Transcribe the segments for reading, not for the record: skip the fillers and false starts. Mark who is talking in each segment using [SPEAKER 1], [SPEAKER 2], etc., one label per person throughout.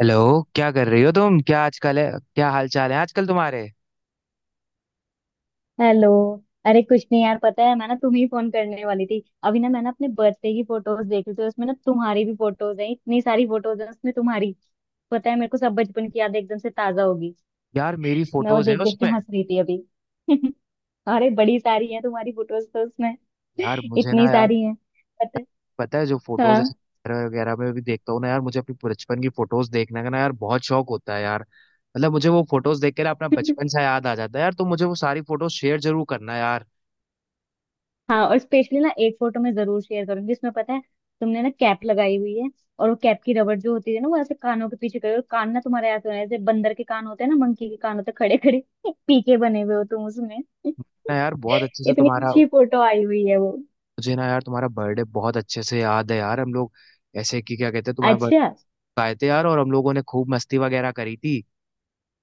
[SPEAKER 1] Hello. क्या कर रही हो तुम, क्या आजकल, है क्या हाल चाल है आजकल तुम्हारे?
[SPEAKER 2] हेलो। अरे कुछ नहीं यार, पता है मैं ना तुम्हें ही फोन करने वाली थी। अभी ना मैंने अपने बर्थडे की फोटोज देखी थी, उसमें ना तुम्हारी भी फोटोज हैं, इतनी सारी फोटोज हैं उसमें तुम्हारी। पता है, मेरे को सब बचपन की याद एकदम से ताजा होगी।
[SPEAKER 1] यार मेरी
[SPEAKER 2] मैं वो
[SPEAKER 1] फोटोज हैं
[SPEAKER 2] देख देख के
[SPEAKER 1] उसमें।
[SPEAKER 2] हंस रही थी अभी। अरे बड़ी सारी है तुम्हारी फोटोज तो उसमें।
[SPEAKER 1] यार मुझे
[SPEAKER 2] इतनी
[SPEAKER 1] ना यार।
[SPEAKER 2] सारी है। पता है।
[SPEAKER 1] पता है, जो फोटोज
[SPEAKER 2] हाँ।
[SPEAKER 1] ऐसे वगैरह वगैरह में भी देखता हूँ ना यार, मुझे अपनी बचपन की फोटोज देखने का ना यार बहुत शौक होता है यार। मतलब मुझे वो फोटोज देख के ना अपना बचपन सा याद आ जाता है यार। तुम मुझे वो सारी फोटोज शेयर जरूर करना यार।
[SPEAKER 2] हाँ, और स्पेशली ना एक फोटो मैं जरूर शेयर करूंगी, इसमें पता है तुमने ना कैप लगाई हुई है, और वो कैप की रबड़ जो होती है ना, वो ऐसे कानों के पीछे करी, और कान ना तुम्हारे ऐसे होने हैं, जैसे बंदर के कान होते हैं ना, मंकी के कान होते हैं खड़े खड़े। पीके बने हुए हो तुम उसमें।
[SPEAKER 1] ना यार, बहुत अच्छे से
[SPEAKER 2] इतनी
[SPEAKER 1] तुम्हारा।
[SPEAKER 2] अच्छी फोटो आई हुई है वो।
[SPEAKER 1] मुझे ना यार तुम्हारा बर्थडे बहुत अच्छे से याद है यार। हम लोग ऐसे कि क्या कहते हैं, तुम्हारे
[SPEAKER 2] अच्छा।
[SPEAKER 1] बर्थडे आए थे यार, और हम लोगों ने खूब मस्ती वगैरह करी थी।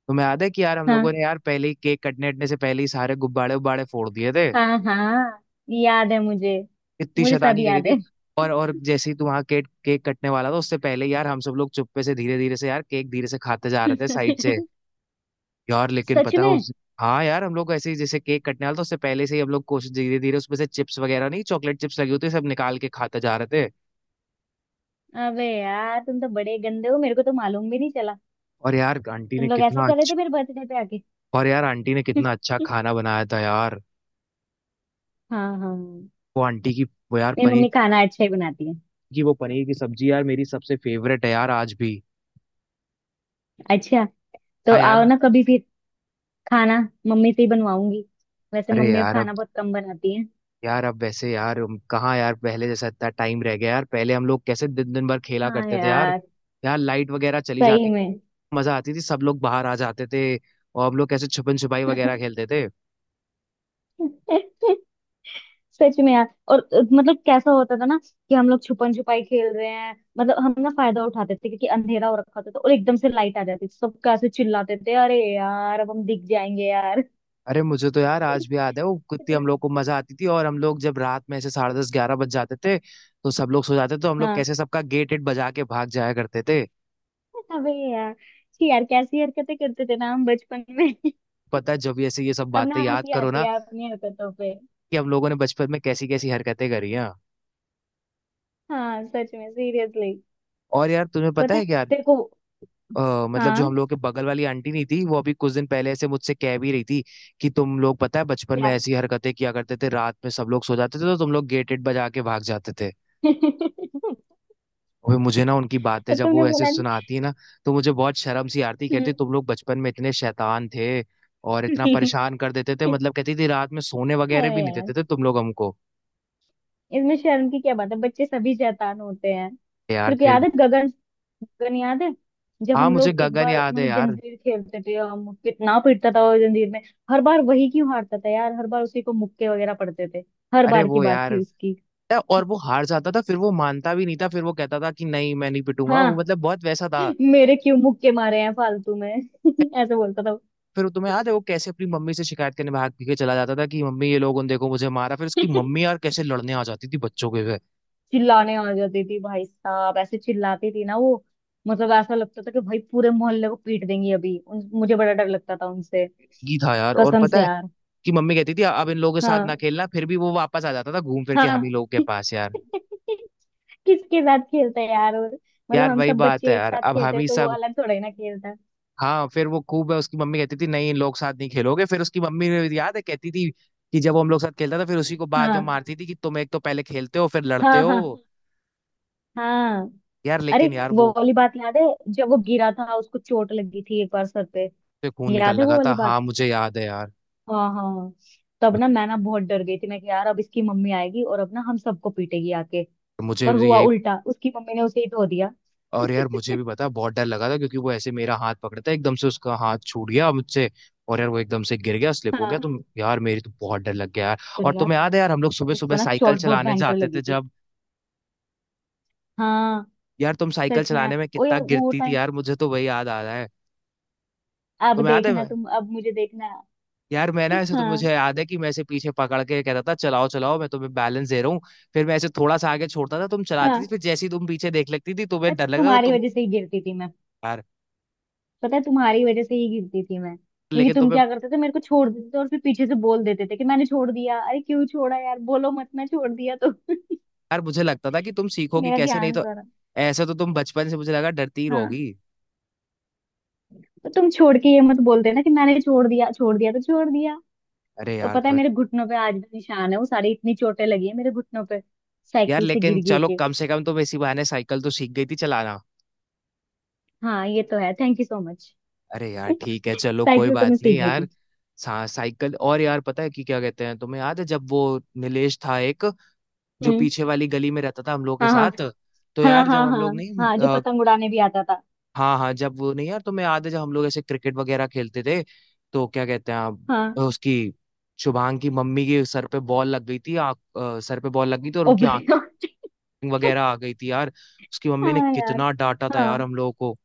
[SPEAKER 1] तुम्हें याद है कि यार हम लोगों
[SPEAKER 2] हाँ
[SPEAKER 1] ने यार पहले ही, केक कटने अटने से पहले ही सारे गुब्बारे उब्बारे फोड़ दिए थे।
[SPEAKER 2] हाँ। हाँ, याद है मुझे।
[SPEAKER 1] इतनी
[SPEAKER 2] मुझे सब
[SPEAKER 1] शैतानी करी
[SPEAKER 2] याद
[SPEAKER 1] थी।
[SPEAKER 2] है।
[SPEAKER 1] और जैसे ही तू वहाँ केक केक कटने वाला था, उससे पहले यार हम सब लोग चुप्पे से धीरे धीरे से यार केक धीरे से खाते जा रहे थे साइड से। यार लेकिन
[SPEAKER 2] सच
[SPEAKER 1] पता है
[SPEAKER 2] में।
[SPEAKER 1] उस। हाँ यार, हम लोग ऐसे ही, जैसे केक कटने वाला था उससे पहले से ही हम लोग कोशिश, धीरे धीरे उसमें से चिप्स वगैरह नहीं, चॉकलेट चिप्स लगी होती है, सब निकाल के खाते जा रहे थे।
[SPEAKER 2] अबे यार, तुम तो बड़े गंदे हो, मेरे को तो मालूम भी नहीं चला।
[SPEAKER 1] और यार आंटी
[SPEAKER 2] तुम
[SPEAKER 1] ने
[SPEAKER 2] लोग ऐसे
[SPEAKER 1] कितना
[SPEAKER 2] कर रहे थे
[SPEAKER 1] अच्छा।
[SPEAKER 2] मेरे बर्थडे पे
[SPEAKER 1] और यार आंटी ने कितना अच्छा
[SPEAKER 2] आके।
[SPEAKER 1] खाना बनाया था यार।
[SPEAKER 2] हाँ हाँ, मेरी
[SPEAKER 1] वो आंटी की, वो यार पनीर
[SPEAKER 2] मम्मी खाना अच्छा ही बनाती है।
[SPEAKER 1] की, वो पनीर की सब्जी यार मेरी सबसे फेवरेट है यार आज भी।
[SPEAKER 2] अच्छा, तो
[SPEAKER 1] हाँ यार।
[SPEAKER 2] आओ ना कभी फिर खाना, मम्मी से ही बनवाऊंगी। वैसे
[SPEAKER 1] अरे
[SPEAKER 2] मम्मी अब
[SPEAKER 1] यार अब,
[SPEAKER 2] खाना बहुत कम बनाती है।
[SPEAKER 1] यार अब वैसे यार कहाँ यार पहले जैसा इतना टाइम रह गया? यार पहले हम लोग कैसे दिन दिन भर खेला
[SPEAKER 2] हाँ
[SPEAKER 1] करते थे यार।
[SPEAKER 2] यार।
[SPEAKER 1] यार लाइट वगैरह चली
[SPEAKER 2] सही
[SPEAKER 1] जाती,
[SPEAKER 2] में।
[SPEAKER 1] मजा आती थी, सब लोग बाहर आ जाते थे और हम लोग कैसे छुपन छुपाई वगैरह खेलते थे।
[SPEAKER 2] सच में यार। और मतलब कैसा होता था ना कि हम लोग छुपन छुपाई खेल रहे हैं, मतलब हम ना फायदा उठाते थे क्योंकि अंधेरा हो रखा होता था, और एकदम से लाइट आ जाती थी, सब कैसे चिल्लाते थे, अरे यार अब हम दिख जाएंगे यार।
[SPEAKER 1] अरे मुझे तो यार आज भी याद है, वो कितनी हम
[SPEAKER 2] इतना।
[SPEAKER 1] लोग को मजा आती थी। और हम लोग जब रात में ऐसे 10:30-11 बज जाते थे तो सब लोग सो जाते थे, तो हम लोग
[SPEAKER 2] हाँ।
[SPEAKER 1] कैसे सबका गेट एट बजा के भाग जाया करते थे।
[SPEAKER 2] अबे यार, छी यार कैसी हरकतें करते थे ना हम बचपन में।
[SPEAKER 1] पता है, जब ये ऐसे ये सब
[SPEAKER 2] अब ना
[SPEAKER 1] बातें याद
[SPEAKER 2] हंसी
[SPEAKER 1] करो
[SPEAKER 2] आती
[SPEAKER 1] ना
[SPEAKER 2] है अपनी हरकतों पे।
[SPEAKER 1] कि हम लोगों ने बचपन में कैसी कैसी हरकतें करी हैं।
[SPEAKER 2] हाँ, सच में, सीरियसली।
[SPEAKER 1] और यार तुम्हें पता
[SPEAKER 2] पता है
[SPEAKER 1] है क्या?
[SPEAKER 2] तेरे को।
[SPEAKER 1] मतलब जो हम
[SPEAKER 2] हाँ।
[SPEAKER 1] लोग के बगल वाली आंटी नहीं थी, वो अभी कुछ दिन पहले ऐसे मुझसे कह भी रही थी कि तुम लोग पता है बचपन में
[SPEAKER 2] क्या।
[SPEAKER 1] ऐसी हरकतें किया करते थे, रात में सब लोग सो जाते थे तो तुम लोग गेट वेट बजा के भाग जाते थे।
[SPEAKER 2] तो
[SPEAKER 1] वो मुझे ना उनकी बातें जब
[SPEAKER 2] तुमने
[SPEAKER 1] वो ऐसे
[SPEAKER 2] बोला नहीं।
[SPEAKER 1] सुनाती है ना तो मुझे बहुत शर्म सी आती,
[SPEAKER 2] हम्म।
[SPEAKER 1] कहती तुम लोग बचपन में इतने शैतान थे और इतना परेशान कर देते थे, मतलब कहती थी रात में सोने वगैरह
[SPEAKER 2] अरे
[SPEAKER 1] भी नहीं
[SPEAKER 2] यार,
[SPEAKER 1] देते थे तुम लोग हमको।
[SPEAKER 2] इसमें शर्म की क्या बात है, बच्चे सभी शैतान होते हैं।
[SPEAKER 1] यार
[SPEAKER 2] तेरे को
[SPEAKER 1] फिर
[SPEAKER 2] याद
[SPEAKER 1] भी।
[SPEAKER 2] है गगन, गगन याद है, जब
[SPEAKER 1] हाँ,
[SPEAKER 2] हम
[SPEAKER 1] मुझे
[SPEAKER 2] लोग एक
[SPEAKER 1] गगन
[SPEAKER 2] बार
[SPEAKER 1] याद है
[SPEAKER 2] मतलब
[SPEAKER 1] यार।
[SPEAKER 2] जंजीर खेलते थे, हम कितना पिटता था वो जंजीर में। हर बार वही क्यों हारता था यार, हर बार उसी को मुक्के वगैरह पड़ते थे। हर
[SPEAKER 1] अरे
[SPEAKER 2] बार की
[SPEAKER 1] वो
[SPEAKER 2] बात
[SPEAKER 1] यार।
[SPEAKER 2] थी उसकी।
[SPEAKER 1] और वो हार जाता था, फिर वो मानता भी नहीं था, फिर वो कहता था कि नहीं मैं नहीं पिटूंगा, वो
[SPEAKER 2] हाँ,
[SPEAKER 1] मतलब बहुत वैसा था।
[SPEAKER 2] मेरे क्यों मुक्के मारे हैं फालतू में, ऐसे बोलता था वो।
[SPEAKER 1] फिर तुम्हें याद है वो कैसे अपनी मम्मी से शिकायत करने भाग के चला जाता था कि मम्मी ये लोग उन देखो मुझे मारा, फिर उसकी मम्मी यार कैसे लड़ने आ जाती थी बच्चों के लिए।
[SPEAKER 2] चिल्लाने आ जाती थी भाई साहब, ऐसे चिल्लाती थी ना वो। मतलब ऐसा लगता था कि भाई पूरे मोहल्ले को पीट देंगी अभी। मुझे बड़ा डर लगता था उनसे।
[SPEAKER 1] ये था यार। और
[SPEAKER 2] कसम
[SPEAKER 1] पता
[SPEAKER 2] से
[SPEAKER 1] है
[SPEAKER 2] यार।
[SPEAKER 1] कि मम्मी कहती थी अब इन लोगों के साथ ना
[SPEAKER 2] हाँ।
[SPEAKER 1] खेलना, फिर भी वो वापस आ जाता था घूम फिर के हम
[SPEAKER 2] हाँ।
[SPEAKER 1] ही लोगों के पास यार।
[SPEAKER 2] किसके साथ खेलता है यार, और मतलब
[SPEAKER 1] यार
[SPEAKER 2] हम
[SPEAKER 1] वही
[SPEAKER 2] सब
[SPEAKER 1] बात है
[SPEAKER 2] बच्चे एक
[SPEAKER 1] यार,
[SPEAKER 2] साथ
[SPEAKER 1] अब
[SPEAKER 2] खेलते
[SPEAKER 1] हम
[SPEAKER 2] हैं
[SPEAKER 1] ही
[SPEAKER 2] तो वो
[SPEAKER 1] सब।
[SPEAKER 2] अलग थोड़ा ही ना खेलता है।
[SPEAKER 1] हाँ, फिर वो खूब है, उसकी मम्मी कहती थी नहीं इन लोग साथ नहीं खेलोगे। फिर उसकी मम्मी ने याद है कहती थी कि जब वो हम लोग साथ खेलता था, फिर उसी को बाद में
[SPEAKER 2] हाँ।
[SPEAKER 1] मारती थी कि तुम एक तो पहले खेलते हो, फिर लड़ते
[SPEAKER 2] हाँ
[SPEAKER 1] हो।
[SPEAKER 2] हाँ। हाँ।
[SPEAKER 1] यार
[SPEAKER 2] अरे,
[SPEAKER 1] लेकिन यार
[SPEAKER 2] वो
[SPEAKER 1] वो।
[SPEAKER 2] वाली बात याद है, जब वो गिरा था, उसको चोट लगी थी एक बार सर पे।
[SPEAKER 1] उससे खून निकलने
[SPEAKER 2] याद है वो
[SPEAKER 1] लगा था,
[SPEAKER 2] वाली बात।
[SPEAKER 1] हाँ मुझे याद है यार।
[SPEAKER 2] हाँ हाँ। तब ना मैं ना बहुत डर गई थी, मैं कि यार अब इसकी मम्मी आएगी और अब ना हम सबको पीटेगी आके।
[SPEAKER 1] मुझे
[SPEAKER 2] पर
[SPEAKER 1] भी
[SPEAKER 2] हुआ
[SPEAKER 1] यही।
[SPEAKER 2] उल्टा, उसकी मम्मी ने उसे ही धो दिया।
[SPEAKER 1] और यार मुझे भी पता, बहुत डर लगा था क्योंकि वो ऐसे मेरा हाथ पकड़ता है, एकदम से उसका हाथ छूट गया मुझसे, और यार वो एकदम से गिर गया, स्लिप हो गया
[SPEAKER 2] हाँ।
[SPEAKER 1] तो यार मेरी तो बहुत डर लग गया यार।
[SPEAKER 2] पर
[SPEAKER 1] और
[SPEAKER 2] यार,
[SPEAKER 1] तुम्हें याद है यार, हम लोग सुबह
[SPEAKER 2] उसको
[SPEAKER 1] सुबह
[SPEAKER 2] ना
[SPEAKER 1] साइकिल
[SPEAKER 2] चोट बहुत
[SPEAKER 1] चलाने
[SPEAKER 2] भयंकर
[SPEAKER 1] जाते
[SPEAKER 2] लगी
[SPEAKER 1] थे
[SPEAKER 2] थी।
[SPEAKER 1] जब।
[SPEAKER 2] हाँ,
[SPEAKER 1] यार तुम साइकिल
[SPEAKER 2] सच में
[SPEAKER 1] चलाने
[SPEAKER 2] यार।
[SPEAKER 1] में
[SPEAKER 2] ओ
[SPEAKER 1] कितना
[SPEAKER 2] यार, वो
[SPEAKER 1] गिरती थी
[SPEAKER 2] टाइम।
[SPEAKER 1] यार, मुझे तो वही याद आ रहा है।
[SPEAKER 2] अब
[SPEAKER 1] तुम्हें याद है
[SPEAKER 2] देखना
[SPEAKER 1] मैं।
[SPEAKER 2] तुम, अब मुझे देखना।
[SPEAKER 1] यार मैं ना, ऐसे तो
[SPEAKER 2] हाँ।
[SPEAKER 1] मुझे याद है कि मैं ऐसे पीछे पकड़ के कहता था चलाओ चलाओ, मैं तुम्हें बैलेंस दे रहा हूँ। फिर मैं ऐसे थोड़ा सा आगे छोड़ता था, तुम चलाती थी,
[SPEAKER 2] हाँ
[SPEAKER 1] फिर जैसे ही तुम पीछे देख लेती थी
[SPEAKER 2] यार,
[SPEAKER 1] तुम्हें डर लगता था
[SPEAKER 2] तुम्हारी
[SPEAKER 1] तुम।
[SPEAKER 2] वजह से ही गिरती थी मैं।
[SPEAKER 1] यार
[SPEAKER 2] पता है, तुम्हारी वजह से ही गिरती थी मैं, क्योंकि
[SPEAKER 1] लेकिन
[SPEAKER 2] तुम
[SPEAKER 1] तुम्हें।
[SPEAKER 2] क्या करते थे, मेरे को छोड़ देते थे और फिर पीछे से बोल देते थे कि मैंने छोड़ दिया। अरे क्यों छोड़ा यार, बोलो मत मैं छोड़ दिया तो।
[SPEAKER 1] यार, मुझे लगता था कि तुम सीखोगी
[SPEAKER 2] मेरा
[SPEAKER 1] कैसे, नहीं
[SPEAKER 2] ध्यान
[SPEAKER 1] तो
[SPEAKER 2] सारा।
[SPEAKER 1] ऐसे तो तुम बचपन से मुझे लगा डरती ही
[SPEAKER 2] हाँ,
[SPEAKER 1] रहोगी।
[SPEAKER 2] तो तुम छोड़ के ये मत बोल देना कि मैंने छोड़ दिया, छोड़ दिया तो छोड़ दिया।
[SPEAKER 1] अरे
[SPEAKER 2] तो
[SPEAKER 1] यार
[SPEAKER 2] पता है
[SPEAKER 1] पर।
[SPEAKER 2] मेरे घुटनों पे आज भी निशान है, वो सारी इतनी चोटें लगी है मेरे घुटनों पे
[SPEAKER 1] यार
[SPEAKER 2] साइकिल से
[SPEAKER 1] लेकिन
[SPEAKER 2] गिर गिर
[SPEAKER 1] चलो,
[SPEAKER 2] के।
[SPEAKER 1] कम से कम तुम इसी बहाने साइकिल तो सीख गई थी चलाना।
[SPEAKER 2] हाँ, ये तो है, थैंक यू सो मच।
[SPEAKER 1] अरे यार ठीक है, चलो कोई
[SPEAKER 2] साइकिल तो
[SPEAKER 1] बात
[SPEAKER 2] मैं
[SPEAKER 1] नहीं
[SPEAKER 2] सीख गई
[SPEAKER 1] यार।
[SPEAKER 2] थी।
[SPEAKER 1] साइकिल। और यार पता है कि क्या कहते हैं, तुम्हें याद है जब वो नीलेश था एक, जो
[SPEAKER 2] हम्म।
[SPEAKER 1] पीछे वाली गली में रहता था हम लोग के
[SPEAKER 2] हाँ हाँ।
[SPEAKER 1] साथ? तो
[SPEAKER 2] हाँ
[SPEAKER 1] यार जब
[SPEAKER 2] हाँ
[SPEAKER 1] हम लोग
[SPEAKER 2] हाँ,
[SPEAKER 1] नहीं।
[SPEAKER 2] हाँ जो पतंग उड़ाने भी आता था।
[SPEAKER 1] हाँ हाँ, जब वो नहीं यार तुम्हें याद है जब हम लोग ऐसे क्रिकेट वगैरह खेलते थे? तो क्या कहते हैं आप,
[SPEAKER 2] हाँ।
[SPEAKER 1] उसकी शुभांग की मम्मी के सर पे बॉल लग गई थी सर पे बॉल लग गई थी और
[SPEAKER 2] ओ
[SPEAKER 1] उनकी आँख
[SPEAKER 2] भाई,
[SPEAKER 1] वगैरह आ गई थी यार। उसकी मम्मी ने
[SPEAKER 2] हाँ यार।
[SPEAKER 1] कितना डांटा था
[SPEAKER 2] हाँ,
[SPEAKER 1] यार हम लोगों को।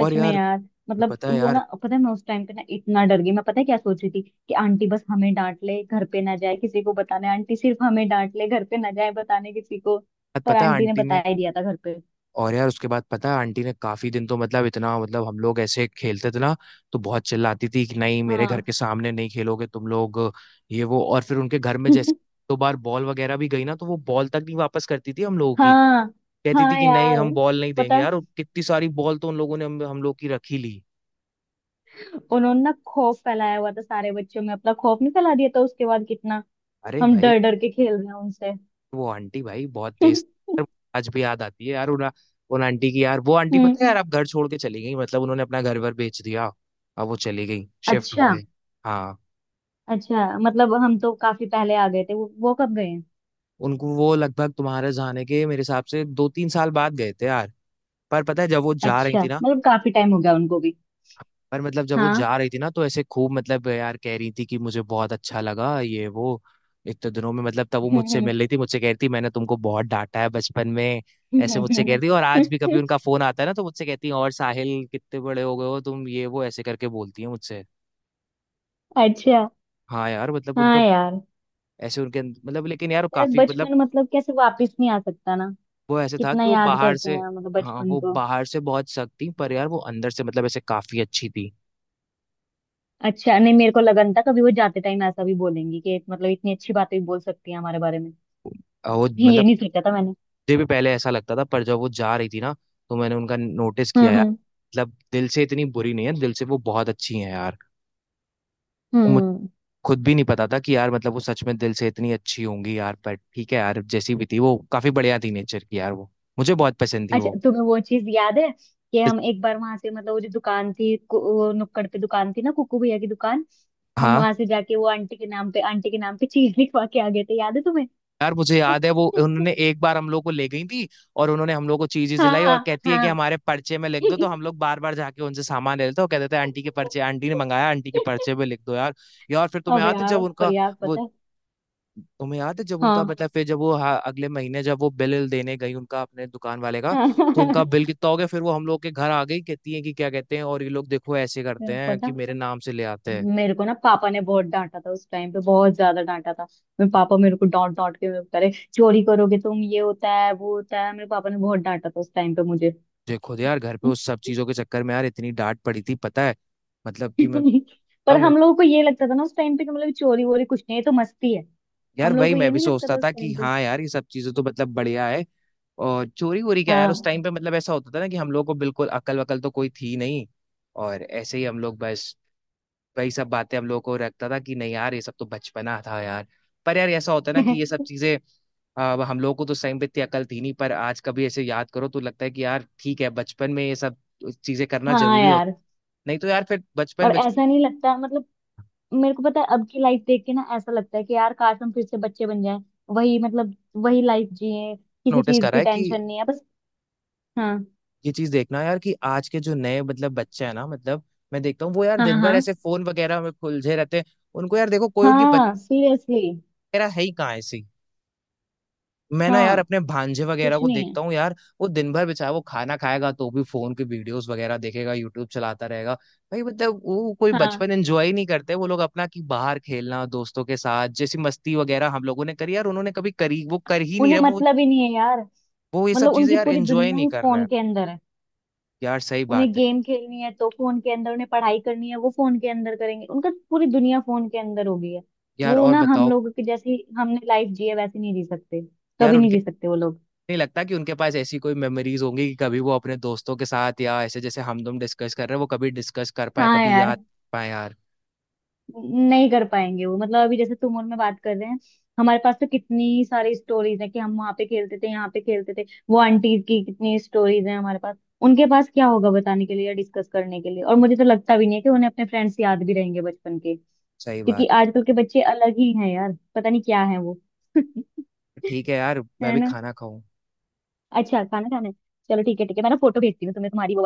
[SPEAKER 1] और
[SPEAKER 2] में
[SPEAKER 1] यार
[SPEAKER 2] यार। मतलब
[SPEAKER 1] पता है।
[SPEAKER 2] वो ना
[SPEAKER 1] यार
[SPEAKER 2] पता है, मैं उस टाइम पे ना इतना डर गई, मैं पता है क्या सोच रही थी कि आंटी बस हमें डांट ले, घर पे ना जाए किसी को बताने, आंटी सिर्फ हमें डांट ले, घर पे ना जाए बताने किसी को। पर
[SPEAKER 1] पता है
[SPEAKER 2] आंटी ने
[SPEAKER 1] आंटी ने।
[SPEAKER 2] बता ही दिया था घर पे।
[SPEAKER 1] और यार उसके बाद पता है आंटी ने काफी दिन तो मतलब इतना, मतलब हम लोग ऐसे खेलते थे ना, तो बहुत चिल्लाती थी कि नहीं मेरे घर
[SPEAKER 2] हाँ।
[SPEAKER 1] के सामने नहीं खेलोगे तुम लोग। ये वो, और फिर उनके घर में जैसे 2 बार बॉल वगैरह भी गई ना, तो वो बॉल तक नहीं वापस करती थी हम लोगों की।
[SPEAKER 2] हाँ।
[SPEAKER 1] कहती थी
[SPEAKER 2] हाँ
[SPEAKER 1] कि नहीं
[SPEAKER 2] यार।
[SPEAKER 1] हम बॉल नहीं
[SPEAKER 2] पता
[SPEAKER 1] देंगे
[SPEAKER 2] है,
[SPEAKER 1] यार, और कितनी सारी बॉल तो उन लोगों ने हम लोग की रखी ली।
[SPEAKER 2] उन्होंने ना खौफ फैलाया हुआ था सारे बच्चों में, अपना खौफ नहीं फैला दिया था उसके बाद। कितना
[SPEAKER 1] अरे
[SPEAKER 2] हम
[SPEAKER 1] भाई,
[SPEAKER 2] डर डर के खेल रहे हैं उनसे।
[SPEAKER 1] वो आंटी भाई बहुत
[SPEAKER 2] हम्म।
[SPEAKER 1] तेज। यार, आज भी याद आती है यार उन उन आंटी की यार, वो आंटी पता है यार आप घर छोड़ के चली गई, मतलब उन्होंने अपना घर वर बेच दिया। अब वो चली गई, शिफ्ट हो
[SPEAKER 2] अच्छा।
[SPEAKER 1] गई। हाँ।
[SPEAKER 2] अच्छा, मतलब हम तो काफी पहले आ गए थे, वो कब गए।
[SPEAKER 1] उनको वो लगभग तुम्हारे जाने के मेरे हिसाब से 2-3 साल बाद गए थे यार। पर पता है जब वो जा रही
[SPEAKER 2] अच्छा,
[SPEAKER 1] थी ना,
[SPEAKER 2] मतलब काफी टाइम हो गया उनको भी।
[SPEAKER 1] पर मतलब जब वो
[SPEAKER 2] हाँ।
[SPEAKER 1] जा रही थी ना तो ऐसे खूब मतलब यार कह रही थी कि मुझे बहुत अच्छा लगा ये वो इतने दिनों में, मतलब तब वो मुझसे मिल रही थी, मुझसे कह रही थी मैंने तुमको बहुत डांटा है बचपन में, ऐसे मुझसे कह रही थी। और आज भी कभी उनका फोन आता है ना तो मुझसे कहती है और साहिल कितने बड़े हो गए हो तुम, ये वो ऐसे करके बोलती है मुझसे।
[SPEAKER 2] अच्छा।
[SPEAKER 1] हाँ यार मतलब
[SPEAKER 2] हाँ
[SPEAKER 1] उनका,
[SPEAKER 2] यार।
[SPEAKER 1] ऐसे उनके मतलब लेकिन यार वो
[SPEAKER 2] यार
[SPEAKER 1] काफी मतलब,
[SPEAKER 2] बचपन मतलब कैसे वापस नहीं आ सकता ना,
[SPEAKER 1] वो ऐसे था
[SPEAKER 2] कितना
[SPEAKER 1] कि वो
[SPEAKER 2] याद
[SPEAKER 1] बाहर
[SPEAKER 2] करते
[SPEAKER 1] से।
[SPEAKER 2] हैं मतलब
[SPEAKER 1] हाँ,
[SPEAKER 2] बचपन
[SPEAKER 1] वो
[SPEAKER 2] को।
[SPEAKER 1] बाहर से बहुत सख्त थी, पर यार वो अंदर से मतलब ऐसे काफी अच्छी थी।
[SPEAKER 2] अच्छा, नहीं मेरे को लगन था कभी वो जाते टाइम ऐसा भी बोलेंगी कि मतलब इतनी अच्छी बातें भी बोल सकती हैं हमारे बारे में।
[SPEAKER 1] वो
[SPEAKER 2] ये
[SPEAKER 1] मतलब
[SPEAKER 2] नहीं सोचा था मैंने।
[SPEAKER 1] मुझे भी पहले ऐसा लगता था, पर जब वो जा रही थी ना तो मैंने उनका नोटिस किया
[SPEAKER 2] हम्म।
[SPEAKER 1] यार,
[SPEAKER 2] हम्म।
[SPEAKER 1] मतलब दिल से इतनी बुरी नहीं है, दिल से वो बहुत अच्छी है यार। और मुझे
[SPEAKER 2] हम्म।
[SPEAKER 1] खुद भी नहीं पता था कि यार मतलब वो सच में दिल से इतनी अच्छी होंगी यार, पर ठीक है यार जैसी भी थी वो काफी बढ़िया थी नेचर की यार, वो मुझे बहुत पसंद थी
[SPEAKER 2] अच्छा,
[SPEAKER 1] वो।
[SPEAKER 2] तुम्हें वो चीज याद है कि हम एक बार वहां से, मतलब वो जो दुकान थी वो नुक्कड़ पे दुकान थी ना, कुकू भैया की दुकान, हम
[SPEAKER 1] हाँ।
[SPEAKER 2] वहां से जाके वो आंटी के नाम पे, आंटी के नाम पे चीज लिखवा के आ गए थे, याद है तुम्हें।
[SPEAKER 1] यार मुझे याद है वो, उन्होंने एक बार हम लोग को ले गई थी, और उन्होंने हम लोग को चीजें दिलाई और
[SPEAKER 2] हाँ
[SPEAKER 1] कहती है कि
[SPEAKER 2] हाँ।
[SPEAKER 1] हमारे पर्चे में लिख दो, तो हम लोग बार बार जाके उनसे सामान ले लेते और कहते थे आंटी के पर्चे, आंटी ने मंगाया, आंटी के पर्चे में लिख दो यार। यार फिर तुम्हें
[SPEAKER 2] अब
[SPEAKER 1] याद है
[SPEAKER 2] यार,
[SPEAKER 1] जब
[SPEAKER 2] पर
[SPEAKER 1] उनका
[SPEAKER 2] यार
[SPEAKER 1] वो,
[SPEAKER 2] पता है।
[SPEAKER 1] तुम्हें याद है जब उनका,
[SPEAKER 2] हाँ
[SPEAKER 1] मतलब फिर जब वो, हाँ, अगले महीने जब वो बिल देने गई उनका अपने दुकान वाले का, तो उनका
[SPEAKER 2] हाँ।
[SPEAKER 1] बिल कितना हो गया, फिर वो हम लोग के घर आ गई, कहती है कि क्या कहते हैं, और ये लोग देखो ऐसे करते
[SPEAKER 2] यार
[SPEAKER 1] हैं कि
[SPEAKER 2] पता,
[SPEAKER 1] मेरे नाम से ले आते हैं।
[SPEAKER 2] मेरे को ना पापा ने बहुत डांटा था उस टाइम पे, बहुत ज्यादा डांटा था। मेरे पापा मेरे को डांट डांट के मेरे को कह रहे, चोरी करोगे तुम, ये होता है वो होता है, मेरे पापा ने बहुत डांटा था उस टाइम पे मुझे।
[SPEAKER 1] देखो तो यार घर पे उस सब चीजों के चक्कर में यार इतनी डांट पड़ी थी पता है, मतलब कि मैं।
[SPEAKER 2] पर हम लोगों को ये लगता था ना उस टाइम पे कि मतलब चोरी वोरी कुछ नहीं है, ये तो मस्ती है।
[SPEAKER 1] यार
[SPEAKER 2] हम लोगों
[SPEAKER 1] वही
[SPEAKER 2] को
[SPEAKER 1] मैं
[SPEAKER 2] ये
[SPEAKER 1] भी
[SPEAKER 2] नहीं लगता
[SPEAKER 1] सोचता
[SPEAKER 2] था उस
[SPEAKER 1] था कि
[SPEAKER 2] टाइम पे।
[SPEAKER 1] हाँ यार ये सब चीजें तो मतलब बढ़िया है। और चोरी वोरी क्या यार, उस
[SPEAKER 2] हाँ।
[SPEAKER 1] टाइम पे मतलब ऐसा होता था ना कि हम लोग को बिल्कुल अकल वकल तो कोई थी नहीं। और ऐसे ही हम लोग बस वही सब बातें, हम लोग को रखता था कि नहीं यार ये सब तो बचपना था यार। पर यार ऐसा होता है ना कि ये सब चीजें। अब हम लोगों को तो उस टाइम पे इतनी अकल थी नहीं, पर आज कभी ऐसे याद करो तो लगता है कि यार ठीक है, बचपन में ये सब चीजें करना
[SPEAKER 2] हाँ
[SPEAKER 1] जरूरी होती,
[SPEAKER 2] यार,
[SPEAKER 1] नहीं तो यार फिर बचपन
[SPEAKER 2] और
[SPEAKER 1] बचपन।
[SPEAKER 2] ऐसा नहीं लगता मतलब, मेरे को पता है अब की लाइफ देख के ना ऐसा लगता है कि यार काश हम फिर से बच्चे बन जाएं, वही मतलब वही लाइफ जिए, किसी
[SPEAKER 1] नोटिस
[SPEAKER 2] चीज
[SPEAKER 1] करा
[SPEAKER 2] की
[SPEAKER 1] है कि
[SPEAKER 2] टेंशन नहीं है बस। हाँ।
[SPEAKER 1] ये चीज देखना यार कि आज के जो नए मतलब बच्चे हैं ना, मतलब मैं देखता हूँ वो यार
[SPEAKER 2] हाँ
[SPEAKER 1] दिन भर
[SPEAKER 2] हाँ।
[SPEAKER 1] ऐसे फोन वगैरह में उलझे रहते हैं। उनको यार देखो, कोई उनकी बच्चे
[SPEAKER 2] हाँ सीरियसली।
[SPEAKER 1] वगैरह है ही कहाँ ऐसी, मैं ना यार
[SPEAKER 2] हाँ,
[SPEAKER 1] अपने भांजे वगैरह
[SPEAKER 2] कुछ
[SPEAKER 1] को
[SPEAKER 2] नहीं है।
[SPEAKER 1] देखता हूँ यार। वो दिन भर बेचारा, वो खाना खाएगा तो भी फोन की वीडियोस वगैरह देखेगा, यूट्यूब चलाता रहेगा भाई, मतलब वो कोई
[SPEAKER 2] हाँ,
[SPEAKER 1] बचपन एंजॉय नहीं करते वो लोग अपना, कि बाहर खेलना दोस्तों के साथ जैसी मस्ती वगैरह हम लोगों ने करी यार, उन्होंने कभी करी? वो कर ही नहीं
[SPEAKER 2] उन्हें
[SPEAKER 1] रहे वो।
[SPEAKER 2] मतलब ही नहीं है यार।
[SPEAKER 1] वो ये सब
[SPEAKER 2] मतलब
[SPEAKER 1] चीजें
[SPEAKER 2] उनकी
[SPEAKER 1] यार
[SPEAKER 2] पूरी
[SPEAKER 1] एंजॉय
[SPEAKER 2] दुनिया
[SPEAKER 1] नहीं
[SPEAKER 2] ही
[SPEAKER 1] कर रहे
[SPEAKER 2] फोन
[SPEAKER 1] हैं,
[SPEAKER 2] के अंदर है।
[SPEAKER 1] यार सही
[SPEAKER 2] उन्हें
[SPEAKER 1] बात है।
[SPEAKER 2] गेम खेलनी है तो फोन के अंदर, उन्हें पढ़ाई करनी है वो फोन के अंदर करेंगे, उनका पूरी दुनिया फोन के अंदर हो गई है।
[SPEAKER 1] यार
[SPEAKER 2] वो
[SPEAKER 1] और
[SPEAKER 2] ना हम
[SPEAKER 1] बताओ।
[SPEAKER 2] लोगों की जैसी हमने लाइफ जी है वैसी नहीं जी सकते,
[SPEAKER 1] यार
[SPEAKER 2] कभी नहीं
[SPEAKER 1] उनके,
[SPEAKER 2] जी सकते वो लोग।
[SPEAKER 1] नहीं लगता कि उनके पास ऐसी कोई मेमोरीज होंगी कि कभी वो अपने दोस्तों के साथ, या ऐसे जैसे हम तुम डिस्कस कर रहे हैं वो कभी डिस्कस कर पाए,
[SPEAKER 2] हाँ
[SPEAKER 1] कभी
[SPEAKER 2] यार,
[SPEAKER 1] याद कर पाए यार।
[SPEAKER 2] नहीं कर पाएंगे वो, मतलब अभी जैसे तुम और मैं बात कर रहे हैं, हमारे पास तो कितनी सारी स्टोरीज है कि हम वहां पे खेलते थे, यहाँ पे खेलते थे, वो आंटीज की कितनी स्टोरीज हैं हमारे पास। उनके पास क्या होगा बताने के लिए या डिस्कस करने के लिए, और मुझे तो लगता भी नहीं है कि उन्हें अपने फ्रेंड्स याद भी रहेंगे बचपन के,
[SPEAKER 1] सही
[SPEAKER 2] क्योंकि
[SPEAKER 1] बात,
[SPEAKER 2] आजकल के बच्चे अलग ही हैं यार, पता नहीं क्या है वो।
[SPEAKER 1] ठीक है यार मैं
[SPEAKER 2] है
[SPEAKER 1] भी
[SPEAKER 2] ना।
[SPEAKER 1] खाना खाऊं।
[SPEAKER 2] अच्छा, खाना खाना है? चलो ठीक है, ठीक है मैं ना फोटो भेजती हूँ तुम्हें तुम्हारी वो